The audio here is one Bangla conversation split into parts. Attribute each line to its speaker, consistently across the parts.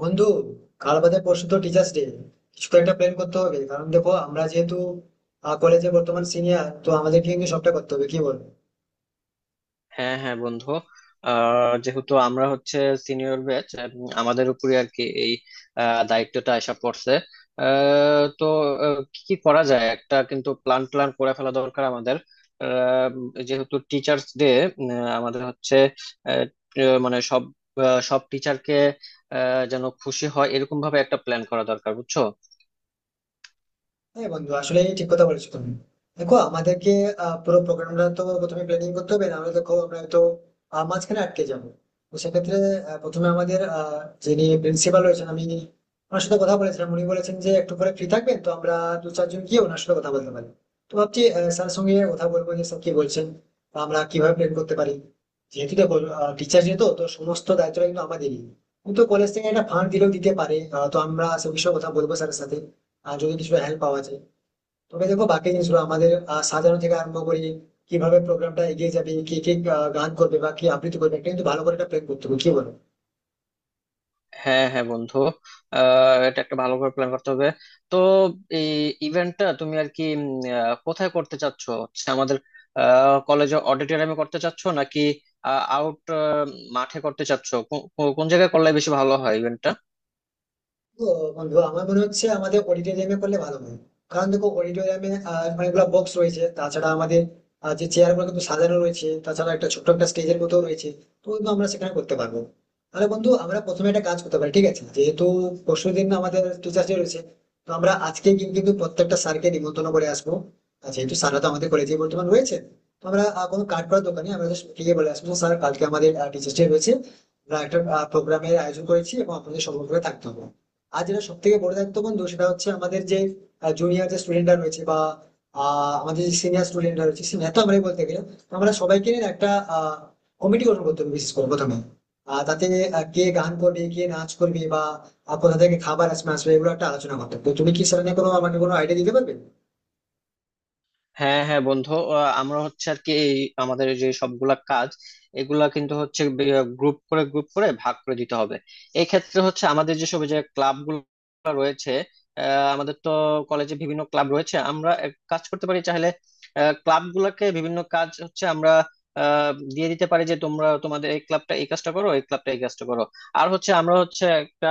Speaker 1: বন্ধু, কাল বাদে পরশু তো টিচার্স ডে। কিছু তো একটা প্ল্যান করতে হবে, কারণ দেখো আমরা যেহেতু কলেজে বর্তমান সিনিয়র, তো আমাদেরকে কিন্তু সবটা করতে হবে, কি বল?
Speaker 2: হ্যাঁ হ্যাঁ বন্ধু, যেহেতু আমরা হচ্ছে সিনিয়র ব্যাচ, আমাদের উপরে আর কি এই দায়িত্বটা এসে পড়ছে। তো কি কি করা যায়, একটা কিন্তু প্ল্যান প্ল্যান করে ফেলা দরকার আমাদের। যেহেতু টিচার্স ডে আমাদের হচ্ছে আহ, মানে সব সব টিচারকে যেন খুশি হয় এরকম ভাবে একটা প্ল্যান করা দরকার, বুঝছো?
Speaker 1: হ্যাঁ বন্ধু, আসলে ঠিক কথা বলেছো তুমি। দেখো আমাদেরকে পুরো প্রোগ্রামটা তো প্রথমে প্ল্যানিং করতে হবে, নাহলে দেখো আমরা তো মাঝখানে আটকে যাবো। তো সেক্ষেত্রে প্রথমে আমাদের যিনি প্রিন্সিপাল রয়েছেন, আমি ওনার সাথে কথা বলেছিলাম, উনি বলেছেন যে একটু পরে ফ্রি থাকবেন, তো আমরা দু চারজন গিয়ে ওনার সাথে কথা বলতে পারি। তো ভাবছি স্যার সঙ্গে কথা বলবো যে স্যার কি বলছেন বা আমরা কিভাবে প্ল্যান করতে পারি। যেহেতু দেখো টিচার যেহেতু, তো সমস্ত দায়িত্বটা কিন্তু আমাদেরই, কিন্তু কলেজ থেকে একটা ফান্ড দিলেও দিতে পারে। তো আমরা সে বিষয়ে কথা বলবো স্যারের সাথে। যদি কিছু হেল্প পাওয়া যায়, তবে দেখো বাকি জিনিসগুলো আমাদের সাজানো থেকে আরম্ভ করে কিভাবে প্রোগ্রামটা এগিয়ে যাবে, কে কে গান করবে বা কি আবৃত্তি করবে, এটা কিন্তু ভালো করে একটা প্ল্যান করতে হবে, কি বলো?
Speaker 2: হ্যাঁ হ্যাঁ বন্ধু, এটা একটা ভালো করে প্ল্যান করতে হবে। তো এই ইভেন্টটা তুমি আর কি কোথায় করতে চাচ্ছ, হচ্ছে আমাদের কলেজে অডিটোরিয়ামে করতে চাচ্ছ নাকি আউট মাঠে করতে চাচ্ছ, কো- কো- কোন জায়গায় করলে বেশি ভালো হয় ইভেন্টটা?
Speaker 1: তো বন্ধু, আমার মনে হচ্ছে আমাদের অডিটোরিয়ামে করলে ভালো হয়, কারণ দেখো অডিটোরিয়ামে অনেকগুলো বক্স রয়েছে, তাছাড়া আমাদের যে চেয়ার গুলো কিন্তু সাজানো রয়েছে, তাছাড়া একটা ছোট্ট একটা স্টেজের মতো রয়েছে, তো কিন্তু আমরা সেখানে করতে পারবো। তাহলে বন্ধু, আমরা প্রথমে একটা কাজ করতে পারি, ঠিক আছে? যেহেতু পরশু দিন আমাদের টিচার্স ডে রয়েছে, তো আমরা আজকে কিন্তু কিন্তু প্রত্যেকটা স্যারকে নিমন্ত্রণ করে আসবো। আর যেহেতু স্যাররা তো আমাদের কলেজে বর্তমান রয়েছে, তো আমরা কোনো কার্ড করার দোকানে আমরা just গিয়ে বলে আসবো, স্যার কালকে আমাদের টিচার্স ডে রয়েছে, আমরা একটা প্রোগ্রামের আয়োজন করেছি এবং আপনাদের সকলকে থাকতে হবে। আর যেটা সব থেকে বড় দায়িত্ব বন্ধু, সেটা হচ্ছে আমাদের যে জুনিয়র যে স্টুডেন্টরা রয়েছে বা আমাদের যে সিনিয়র স্টুডেন্টরা রয়েছে, সিনিয়র তো আমরাই বলতে গেলে। তো আমরা সবাইকে নিয়ে একটা কমিটি গঠন করতে হবে বিশেষ করে প্রথমে। তাতে কে গান করবে, কে নাচ করবে বা কোথা থেকে খাবার আসবে আসবে এগুলো একটা আলোচনা করতে হবে। তো তুমি কি সেটা নিয়ে কোনো আমাকে কোনো আইডিয়া দিতে পারবে?
Speaker 2: হ্যাঁ হ্যাঁ বন্ধু, আমরা হচ্ছে আর কি এই আমাদের যে সবগুলা কাজ এগুলা কিন্তু হচ্ছে গ্রুপ করে গ্রুপ করে ভাগ করে দিতে হবে। এই ক্ষেত্রে হচ্ছে আমাদের যেসব যে ক্লাব গুলো রয়েছে, আমাদের তো কলেজে বিভিন্ন ক্লাব রয়েছে। আমরা এক কাজ করতে পারি, চাইলে ক্লাব গুলাকে বিভিন্ন কাজ হচ্ছে আমরা আহ, দিয়ে দিতে পারি, যে তোমরা তোমাদের এই ক্লাবটা এই কাজটা করো, এই ক্লাবটা এই কাজটা করো। আর হচ্ছে আমরা হচ্ছে একটা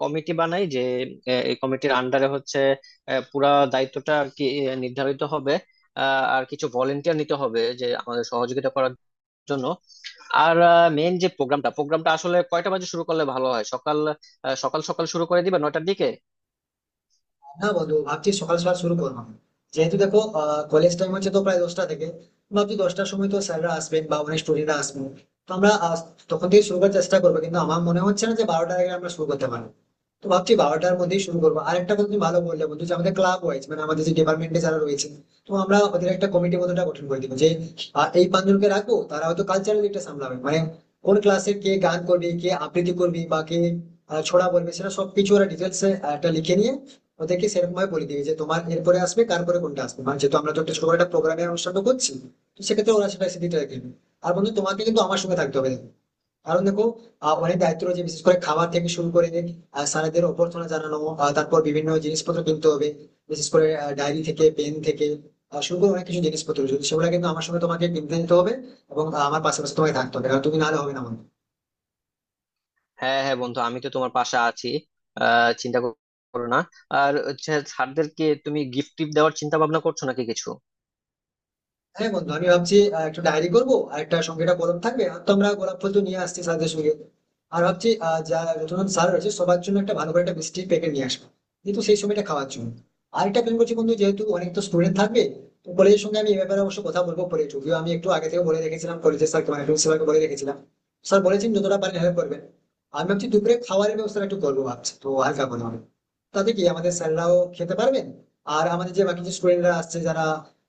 Speaker 2: কমিটি বানাই, যে এই কমিটির আন্ডারে হচ্ছে পুরা দায়িত্বটা আর কি নির্ধারিত হবে। আহ, আর কিছু ভলেন্টিয়ার নিতে হবে, যে আমাদের সহযোগিতা করার জন্য। আর মেন যে প্রোগ্রামটা প্রোগ্রামটা আসলে কয়টা বাজে শুরু করলে ভালো হয়? সকাল সকাল সকাল শুরু করে দিবে, 9টার দিকে?
Speaker 1: না বন্ধু, ভাবছি সকাল সকাল শুরু করবো। যেহেতু দেখো কলেজ টাইম হচ্ছে তো প্রায় 10টা থেকে, ভাবছি 10টার সময় তো স্যাররা আসবেন বা অনেক স্টুডেন্টরা আসবেন। তো আমরা তখন থেকে শুরু করার চেষ্টা করবো, কিন্তু আমার মনে হচ্ছে না যে 12টার আগে আমরা শুরু করতে পারবো। তো ভাবছি 12টার মধ্যেই শুরু করবো। আর একটা কথা তুমি ভালো বললে বন্ধু, যে আমাদের ক্লাব ওয়াইজ, মানে আমাদের যে ডিপার্টমেন্টে যারা রয়েছে, তো আমরা ওদের একটা কমিটি মতোটা গঠন করে দিব, যে এই 5 জনকে রাখবো, তারা হয়তো কালচারাল দিকটা সামলাবে। মানে কোন ক্লাসে কে গান করবে, কে আবৃত্তি করবে বা কে ছড়া বলবে, সেটা সবকিছু ওরা ডিটেলস একটা লিখে নিয়ে ওদেরকে সেরকম ভাবে বলে দিবি যে তোমার এরপরে আসবে, তারপরে কোনটা আসবে। মানে যেহেতু আমরা তো একটা ছোট করে একটা প্রোগ্রামের অনুষ্ঠানটা করছি, তো সেক্ষেত্রে ওরা সেটা সেদিকটা রেখে নেবে। আর বন্ধু, তোমাকে কিন্তু আমার সঙ্গে থাকতে হবে, কারণ দেখো অনেক দায়িত্ব রয়েছে, বিশেষ করে খাবার থেকে শুরু করে স্যারেদের অভ্যর্থনা জানানো, তারপর বিভিন্ন জিনিসপত্র কিনতে হবে, বিশেষ করে ডায়েরি থেকে পেন থেকে শুরু করে অনেক কিছু জিনিসপত্র রয়েছে, সেগুলো কিন্তু আমার সঙ্গে তোমাকে কিনতে যেতে হবে। এবং আমার পাশাপাশি তোমাকে থাকতে হবে, কারণ তুমি নাহলে হবে না আমার।
Speaker 2: হ্যাঁ হ্যাঁ বন্ধু, আমি তো তোমার পাশে আছি। চিন্তা করো না। আর হচ্ছে স্যারদেরকে তুমি গিফট টিফট দেওয়ার চিন্তা ভাবনা করছো নাকি কিছু?
Speaker 1: হ্যাঁ বন্ধু, আমি ভাবছি একটা ডায়েরি করবো আর একটা সঙ্গে একটা কলম থাকবে, আর তো আমরা গোলাপ ফুল তো নিয়ে আসছি স্যারদের সঙ্গে। আর ভাবছি যা যতজন স্যার রয়েছে সবার জন্য একটা ভালো করে একটা মিষ্টির প্যাকেট নিয়ে আসবো, কিন্তু সেই সময়টা খাওয়ার জন্য। আর একটা প্ল্যান করছি বন্ধু, যেহেতু অনেক তো স্টুডেন্ট থাকবে, তো কলেজের সঙ্গে আমি এ ব্যাপারে অবশ্য কথা বলবো পরে, যদিও আমি একটু আগে থেকে বলে রেখেছিলাম কলেজের স্যারকে, মানে প্রিন্সিপালকে বলে রেখেছিলাম। স্যার বলেছেন যতটা পারেন হেল্প করবেন। আমি ভাবছি দুপুরে খাবারের ব্যবস্থা একটু করবো, ভাবছি তো হালকা করে হবে, তাতে কি আমাদের স্যাররাও খেতে পারবেন। আর আমাদের যে বাকি যে স্টুডেন্টরা আসছে যারা,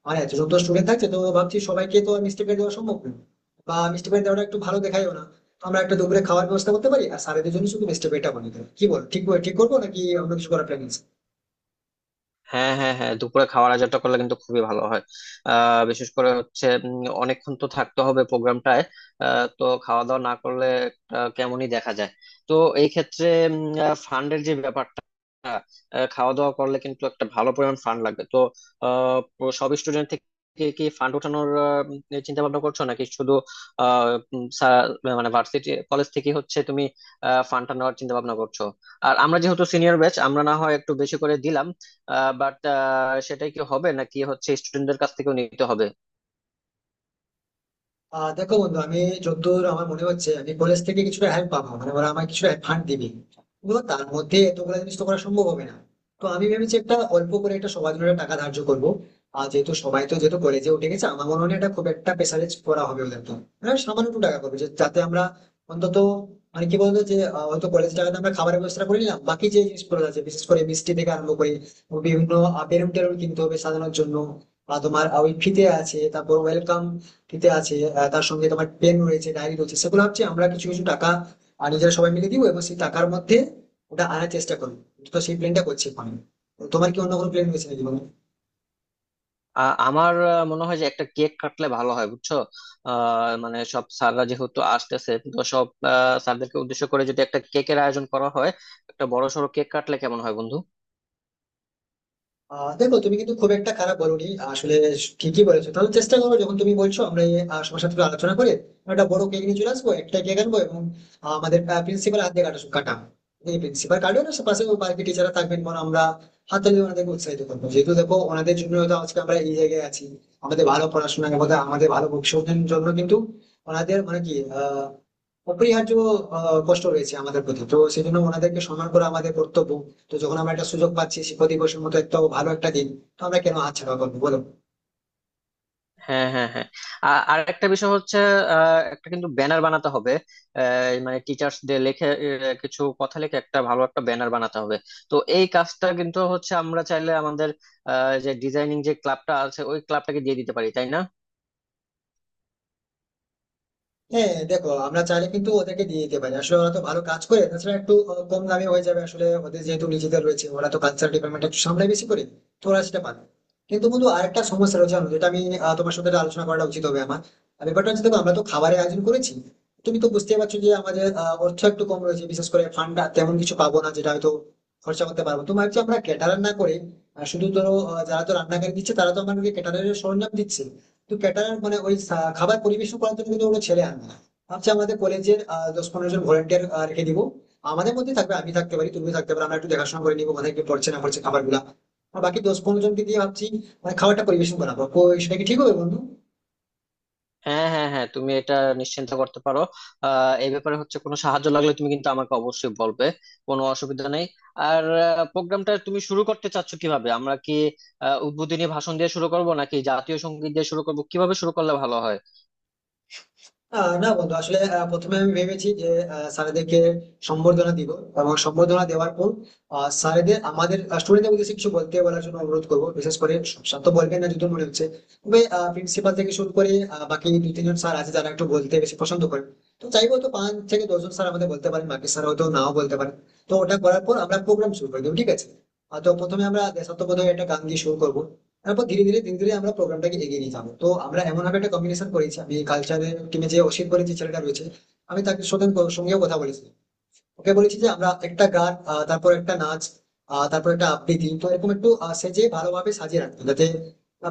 Speaker 1: মানে এতজন তো স্টুডেন্ট থাকছে, তো ভাবছি সবাইকে তো মিষ্টি প্যাকেট দেওয়া সম্ভব না, বা মিষ্টি প্যাকেট দেওয়াটা একটু ভালো দেখাইও না। তো আমরা একটা দুপুরে খাওয়ার ব্যবস্থা করতে পারি, আর স্যারেদের জন্য শুধু মিষ্টি প্যাকেটটা বানিয়ে দেবো, কি বল? ঠিক ঠিক করবো নাকি আমরা কিছু করার প্ল্যান?
Speaker 2: হ্যাঁ হ্যাঁ হ্যাঁ, দুপুরে খাওয়ার আয়োজনটা করলে কিন্তু খুবই ভালো হয়। বিশেষ করে হচ্ছে অনেকক্ষণ তো থাকতে হবে প্রোগ্রামটায়। তো খাওয়া দাওয়া না করলে কেমনই দেখা যায়। তো এই ক্ষেত্রে ফান্ডের যে ব্যাপারটা, আহ, খাওয়া দাওয়া করলে কিন্তু একটা ভালো পরিমাণ ফান্ড লাগবে। তো সব স্টুডেন্ট থেকে কি ফান্ড ওঠানোর চিন্তা ভাবনা করছো, নাকি শুধু আহ, উম, সা- মানে ভার্সিটি কলেজ থেকে হচ্ছে তুমি ফান্ডটা নেওয়ার চিন্তা ভাবনা করছো? আর আমরা যেহেতু সিনিয়র ব্যাচ, আমরা না হয় একটু বেশি করে দিলাম। বাট সেটাই কি হবে, নাকি হচ্ছে স্টুডেন্টদের কাছ থেকেও নিতে হবে?
Speaker 1: আহ দেখো বন্ধু, আমি যতদূর আমার মনে হচ্ছে, আমি কলেজ থেকে কিছুটা হেল্প পাবো, মানে ওরা আমাকে কিছুটা ফান্ড দিবে, কিন্তু তার মধ্যে এতগুলো জিনিস তো করা সম্ভব হবে না। তো আমি ভেবেছি একটা অল্প করে একটা সবার জন্য একটা টাকা ধার্য করবো। আর যেহেতু সবাই তো যেহেতু কলেজে উঠে গেছে, আমার মনে হয় না এটা খুব একটা প্রেসারাইজ করা হবে ওদের তো। হ্যাঁ, সামান্য একটু টাকা করবো যাতে আমরা অন্তত মানে কি বলতো যে হয়তো কলেজ টাকাতে আমরা খাবারের ব্যবস্থা করে নিলাম, বাকি যে জিনিসগুলো আছে বিশেষ করে মিষ্টি থেকে আরম্ভ করে বিভিন্ন বেলুন টেলুন কিনতে হবে সাজানোর জন্য, বা তোমার ওই ফিতে আছে, তারপর ওয়েলকাম টিতে আছে, তার সঙ্গে তোমার পেন রয়েছে, ডায়েরি রয়েছে, সেগুলো হচ্ছে আমরা কিছু কিছু টাকা নিজেরা সবাই মিলে দিব এবং সেই টাকার মধ্যে ওটা আনার চেষ্টা করবো। তো সেই প্ল্যানটা করছি এখন। তো তোমার কি অন্য কোনো প্ল্যান রয়েছে নাকি, বলো?
Speaker 2: আমার মনে হয় যে একটা কেক কাটলে ভালো হয়, বুঝছো? মানে সব স্যাররা যেহেতু আসতেছে, তো সব স্যারদেরকে উদ্দেশ্য করে যদি একটা কেকের আয়োজন করা হয়, একটা বড়সড় কেক কাটলে কেমন হয় বন্ধু?
Speaker 1: আহ দেখো, তুমি কিন্তু খুব একটা খারাপ বলোনি, আসলে ঠিকই বলেছো। তাহলে চেষ্টা করো, যখন তুমি বলছো আমরা এই সবার সাথে একটু আলোচনা করে আমরা একটা বড় কেক নিয়ে চলে আসবো, একটা কেক আনবো এবং আমাদের প্রিন্সিপাল হাত দিয়ে কাটা কাটাম। এই প্রিন্সিপাল কাটবে না, সে পাশে বাকি টিচাররা থাকবেন, বরং আমরা হাতে দিয়ে ওনাদেরকে উৎসাহিত করবো, যেহেতু দেখো ওনাদের জন্য হয়তো আজকে আমরা এই জায়গায় আছি। আমাদের ভালো পড়াশোনা এবং আমাদের ভালো ভবিষ্যতের জন্য কিন্তু ওনাদের মানে কি আহ অপরিহার্য কষ্ট রয়েছে আমাদের প্রতি, তো সেই জন্য ওনাদেরকে সম্মান করা আমাদের কর্তব্য। তো যখন আমরা একটা সুযোগ পাচ্ছি শিক্ষক দিবসের মতো একটা ভালো একটা দিন, তো আমরা কেন হাতছাড়া করবো বলো?
Speaker 2: হ্যাঁ হ্যাঁ হ্যাঁ। আর একটা বিষয় হচ্ছে একটা কিন্তু ব্যানার বানাতে হবে। মানে টিচার্স ডে লিখে কিছু কথা লিখে একটা ভালো একটা ব্যানার বানাতে হবে। তো এই কাজটা কিন্তু হচ্ছে আমরা চাইলে আমাদের যে ডিজাইনিং যে ক্লাবটা আছে ওই ক্লাবটাকে দিয়ে দিতে পারি, তাই না?
Speaker 1: হ্যাঁ হ্যাঁ, দেখো আমরা চাইলে কিন্তু ওদেরকে দিয়ে দিতে পারি, আসলে ওরা তো ভালো কাজ করে, তাছাড়া একটু কম দামে হয়ে যাবে, আসলে ওদের যেহেতু নিজেদের রয়েছে, ওরা তো কালচার ডিপার্টমেন্ট একটু সামলে বেশি করে, তো ওরা সেটা পারে। কিন্তু বন্ধু, আরেকটা সমস্যা রয়েছে জানো, যেটা আমি তোমার সাথে আলোচনা করাটা উচিত হবে আমার। আর ব্যাপারটা হচ্ছে, দেখো আমরা তো খাবারের আয়োজন করেছি, তুমি তো বুঝতে পারছো যে আমাদের অর্থ একটু কম রয়েছে, বিশেষ করে ফান্ড তেমন কিছু পাবো না যেটা হয়তো খরচা করতে পারবো তোমার, যে আমরা ক্যাটারার না করে শুধু ধরো যারা তো রান্নাকারী দিচ্ছে, তারা তো আমাদেরকে ক্যাটারের সরঞ্জাম দিচ্ছে, কিন্তু ক্যাটারার মানে ওই খাবার পরিবেশন করার জন্য কিন্তু কোনো ছেলে আনবে না। ভাবছি আমাদের কলেজের দশ পনেরো জন ভলেন্টিয়ার রেখে দিব, আমাদের মধ্যে থাকবে, আমি থাকতে পারি, তুমি থাকতে পারো, আমরা একটু দেখাশোনা করে নিবো কোথায় কি পড়ছে না পড়ছে খাবার গুলা। আর বাকি দশ পনেরো জনকে দিয়ে ভাবছি মানে খাবারটা পরিবেশন করাবো, সেটা কি ঠিক হবে বন্ধু?
Speaker 2: হ্যাঁ হ্যাঁ হ্যাঁ, তুমি এটা নিশ্চিন্তা করতে পারো। এই ব্যাপারে হচ্ছে কোনো সাহায্য লাগলে তুমি কিন্তু আমাকে অবশ্যই বলবে। কোনো অসুবিধা নেই। আর প্রোগ্রামটা তুমি শুরু করতে চাচ্ছ কিভাবে? আমরা কি উদ্বোধনী ভাষণ দিয়ে শুরু করব নাকি জাতীয় সঙ্গীত দিয়ে শুরু করব? কিভাবে শুরু করলে ভালো হয়?
Speaker 1: আহ না বন্ধু, আসলে প্রথমে আমি ভেবেছি যে স্যারেদেরকে সম্বর্ধনা দিব, এবং সম্বর্ধনা দেওয়ার পর স্যারেদের আমাদের স্টুডেন্টদের উদ্দেশ্যে কিছু বলতে বলার জন্য অনুরোধ করবো, বিশেষ করে স্যার তো বলবেন না যতদূর মনে হচ্ছে, তবে প্রিন্সিপাল থেকে শুরু করে বাকি দু তিনজন স্যার আছে যারা একটু বলতে বেশি পছন্দ করেন। তো চাইবো তো 5 থেকে 10 জন স্যার আমাদের বলতে পারেন, বাকি স্যার হয়তো নাও বলতে পারেন। তো ওটা করার পর আমরা প্রোগ্রাম শুরু করে দেবো, ঠিক আছে। তো প্রথমে আমরা দেশাত্মবোধক একটা গান দিয়ে শুরু করবো, তারপর ধীরে ধীরে আমরা প্রোগ্রামটাকে এগিয়ে নিয়ে যাবো। তো আমরা এমন ভাবে একটা কম্বিনেশন করেছি, আমি কালচারের টিমে যে অসিত বলে যে ছেলেটা রয়েছে, আমি তাকে সঙ্গেও কথা বলেছি। ওকে বলেছি যে আমরা একটা গান তারপর একটা নাচ, তারপর একটা আবৃত্তি, তো এরকম একটু সেজে ভালোভাবে সাজিয়ে রাখতো, যাতে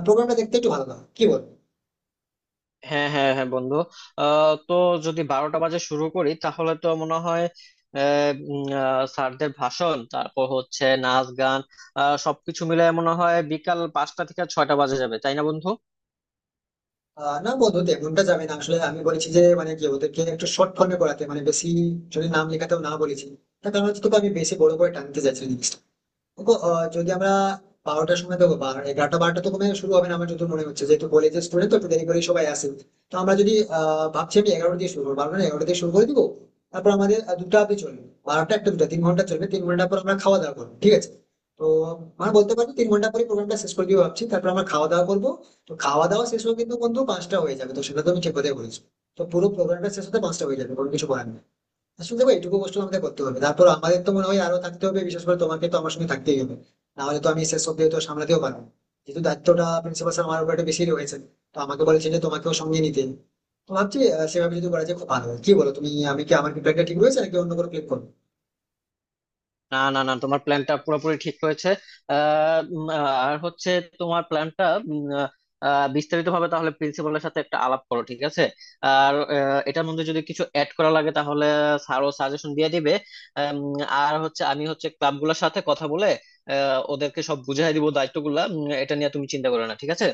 Speaker 1: প্রোগ্রামটা দেখতে একটু ভালো লাগে, কি বল?
Speaker 2: হ্যাঁ হ্যাঁ হ্যাঁ বন্ধু, তো যদি 12টা বাজে শুরু করি তাহলে তো মনে হয় স্যারদের ভাষণ তারপর হচ্ছে নাচ গান সবকিছু মিলে মনে হয় বিকাল 5টা থেকে 6টা বাজে যাবে, তাই না বন্ধু?
Speaker 1: না বন্ধু, তেমনটা যাবে না, আসলে আমি বলেছি যে মানে কি ওদেরকে একটু শর্ট ফর্মে করাতে, মানে বেশি যদি নাম লেখাতেও না বলেছি। তার কারণ হচ্ছে তোকে আমি বেশি বড় করে টানতে চাইছি না জিনিসটা। দেখো যদি আমরা 12টার সময় দেখো 11টা 12টা তো কমে শুরু হবে না আমার যত মনে হচ্ছে, যেহেতু কলেজের স্টুডেন্ট তো একটু দেরি করে সবাই আসে। তো আমরা যদি ভাবছি আমি 11টা দিয়ে শুরু করবো, 12টা না 11টা দিয়ে শুরু করে দিবো। তারপর আমাদের 2টো অব্দি চলবে, 12টা 1টা 2টো 3 ঘন্টা চলবে, 3 ঘন্টা পর আমরা খাওয়া দাওয়া করবো, ঠিক আছে? তো মানে বলতে পারবো 3 ঘন্টা পরে প্রোগ্রামটা শেষ করে দিবো ভাবছি, তারপর আমরা খাওয়া দাওয়া করবো। তো খাওয়া দাওয়া শেষ হয়ে কিন্তু বন্ধু 5টা হয়ে যাবে, তো সেটা তো আমি ঠিক কথাই বলেছি। তো পুরো প্রোগ্রামটা শেষ হতে 5টা হয়ে যাবে, কোনো কিছু করার নেই। আসলে দেখো এইটুকু কষ্ট আমাদের করতে হবে, তারপর আমাদের তো মনে হয় আরো থাকতে হবে, বিশেষ করে তোমাকে তো আমার সঙ্গে থাকতেই হবে, নাহলে তো আমি শেষ অব্দি তো সামলাতেও পারবো না। যেহেতু দায়িত্বটা প্রিন্সিপাল স্যার আমার উপর একটু বেশি রয়েছে, তো আমাকে বলেছে যে তোমাকেও সঙ্গে নিতে। তো ভাবছি সেভাবে যদি করা যায় খুব ভালো হয়। কি বলো তুমি, আমি কি আমার প্রিপেয়ারটা ঠিক রয়েছে নাকি অন্য কোনো ক্লিক করবো?
Speaker 2: না না না, তোমার প্ল্যানটা পুরোপুরি ঠিক রয়েছে। আর হচ্ছে তোমার প্ল্যানটা বিস্তারিত ভাবে তাহলে প্রিন্সিপালের সাথে একটা আলাপ করো, ঠিক আছে? আর এটার মধ্যে যদি কিছু অ্যাড করা লাগে তাহলে স্যারও সাজেশন দিয়ে দিবে। আম, আর হচ্ছে আমি হচ্ছে ক্লাবগুলোর সাথে কথা বলে ওদেরকে সব বুঝিয়ে দিব দায়িত্বগুলা। এটা নিয়ে তুমি চিন্তা করো না, ঠিক আছে?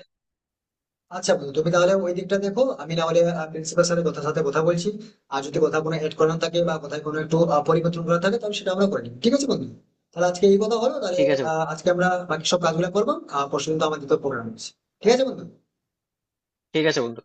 Speaker 1: আচ্ছা বন্ধু, তুমি তাহলে ওই দিকটা দেখো, আমি না হলে প্রিন্সিপাল স্যারের সাথে কথা বলছি। আর যদি কোথাও কোনো এড করানো থাকে বা কোথায় কোনো একটু পরিবর্তন করা থাকে, তাহলে সেটা আমরা করে নিই, ঠিক আছে বন্ধু? তাহলে আজকে এই কথা হলো তাহলে।
Speaker 2: ঠিক আছে
Speaker 1: আজকে আমরা বাকি সব কাজগুলো করবো, আর পরশু কিন্তু আমাদের তো প্রোগ্রাম আছে। ঠিক আছে বন্ধু।
Speaker 2: ঠিক আছে বন্ধু।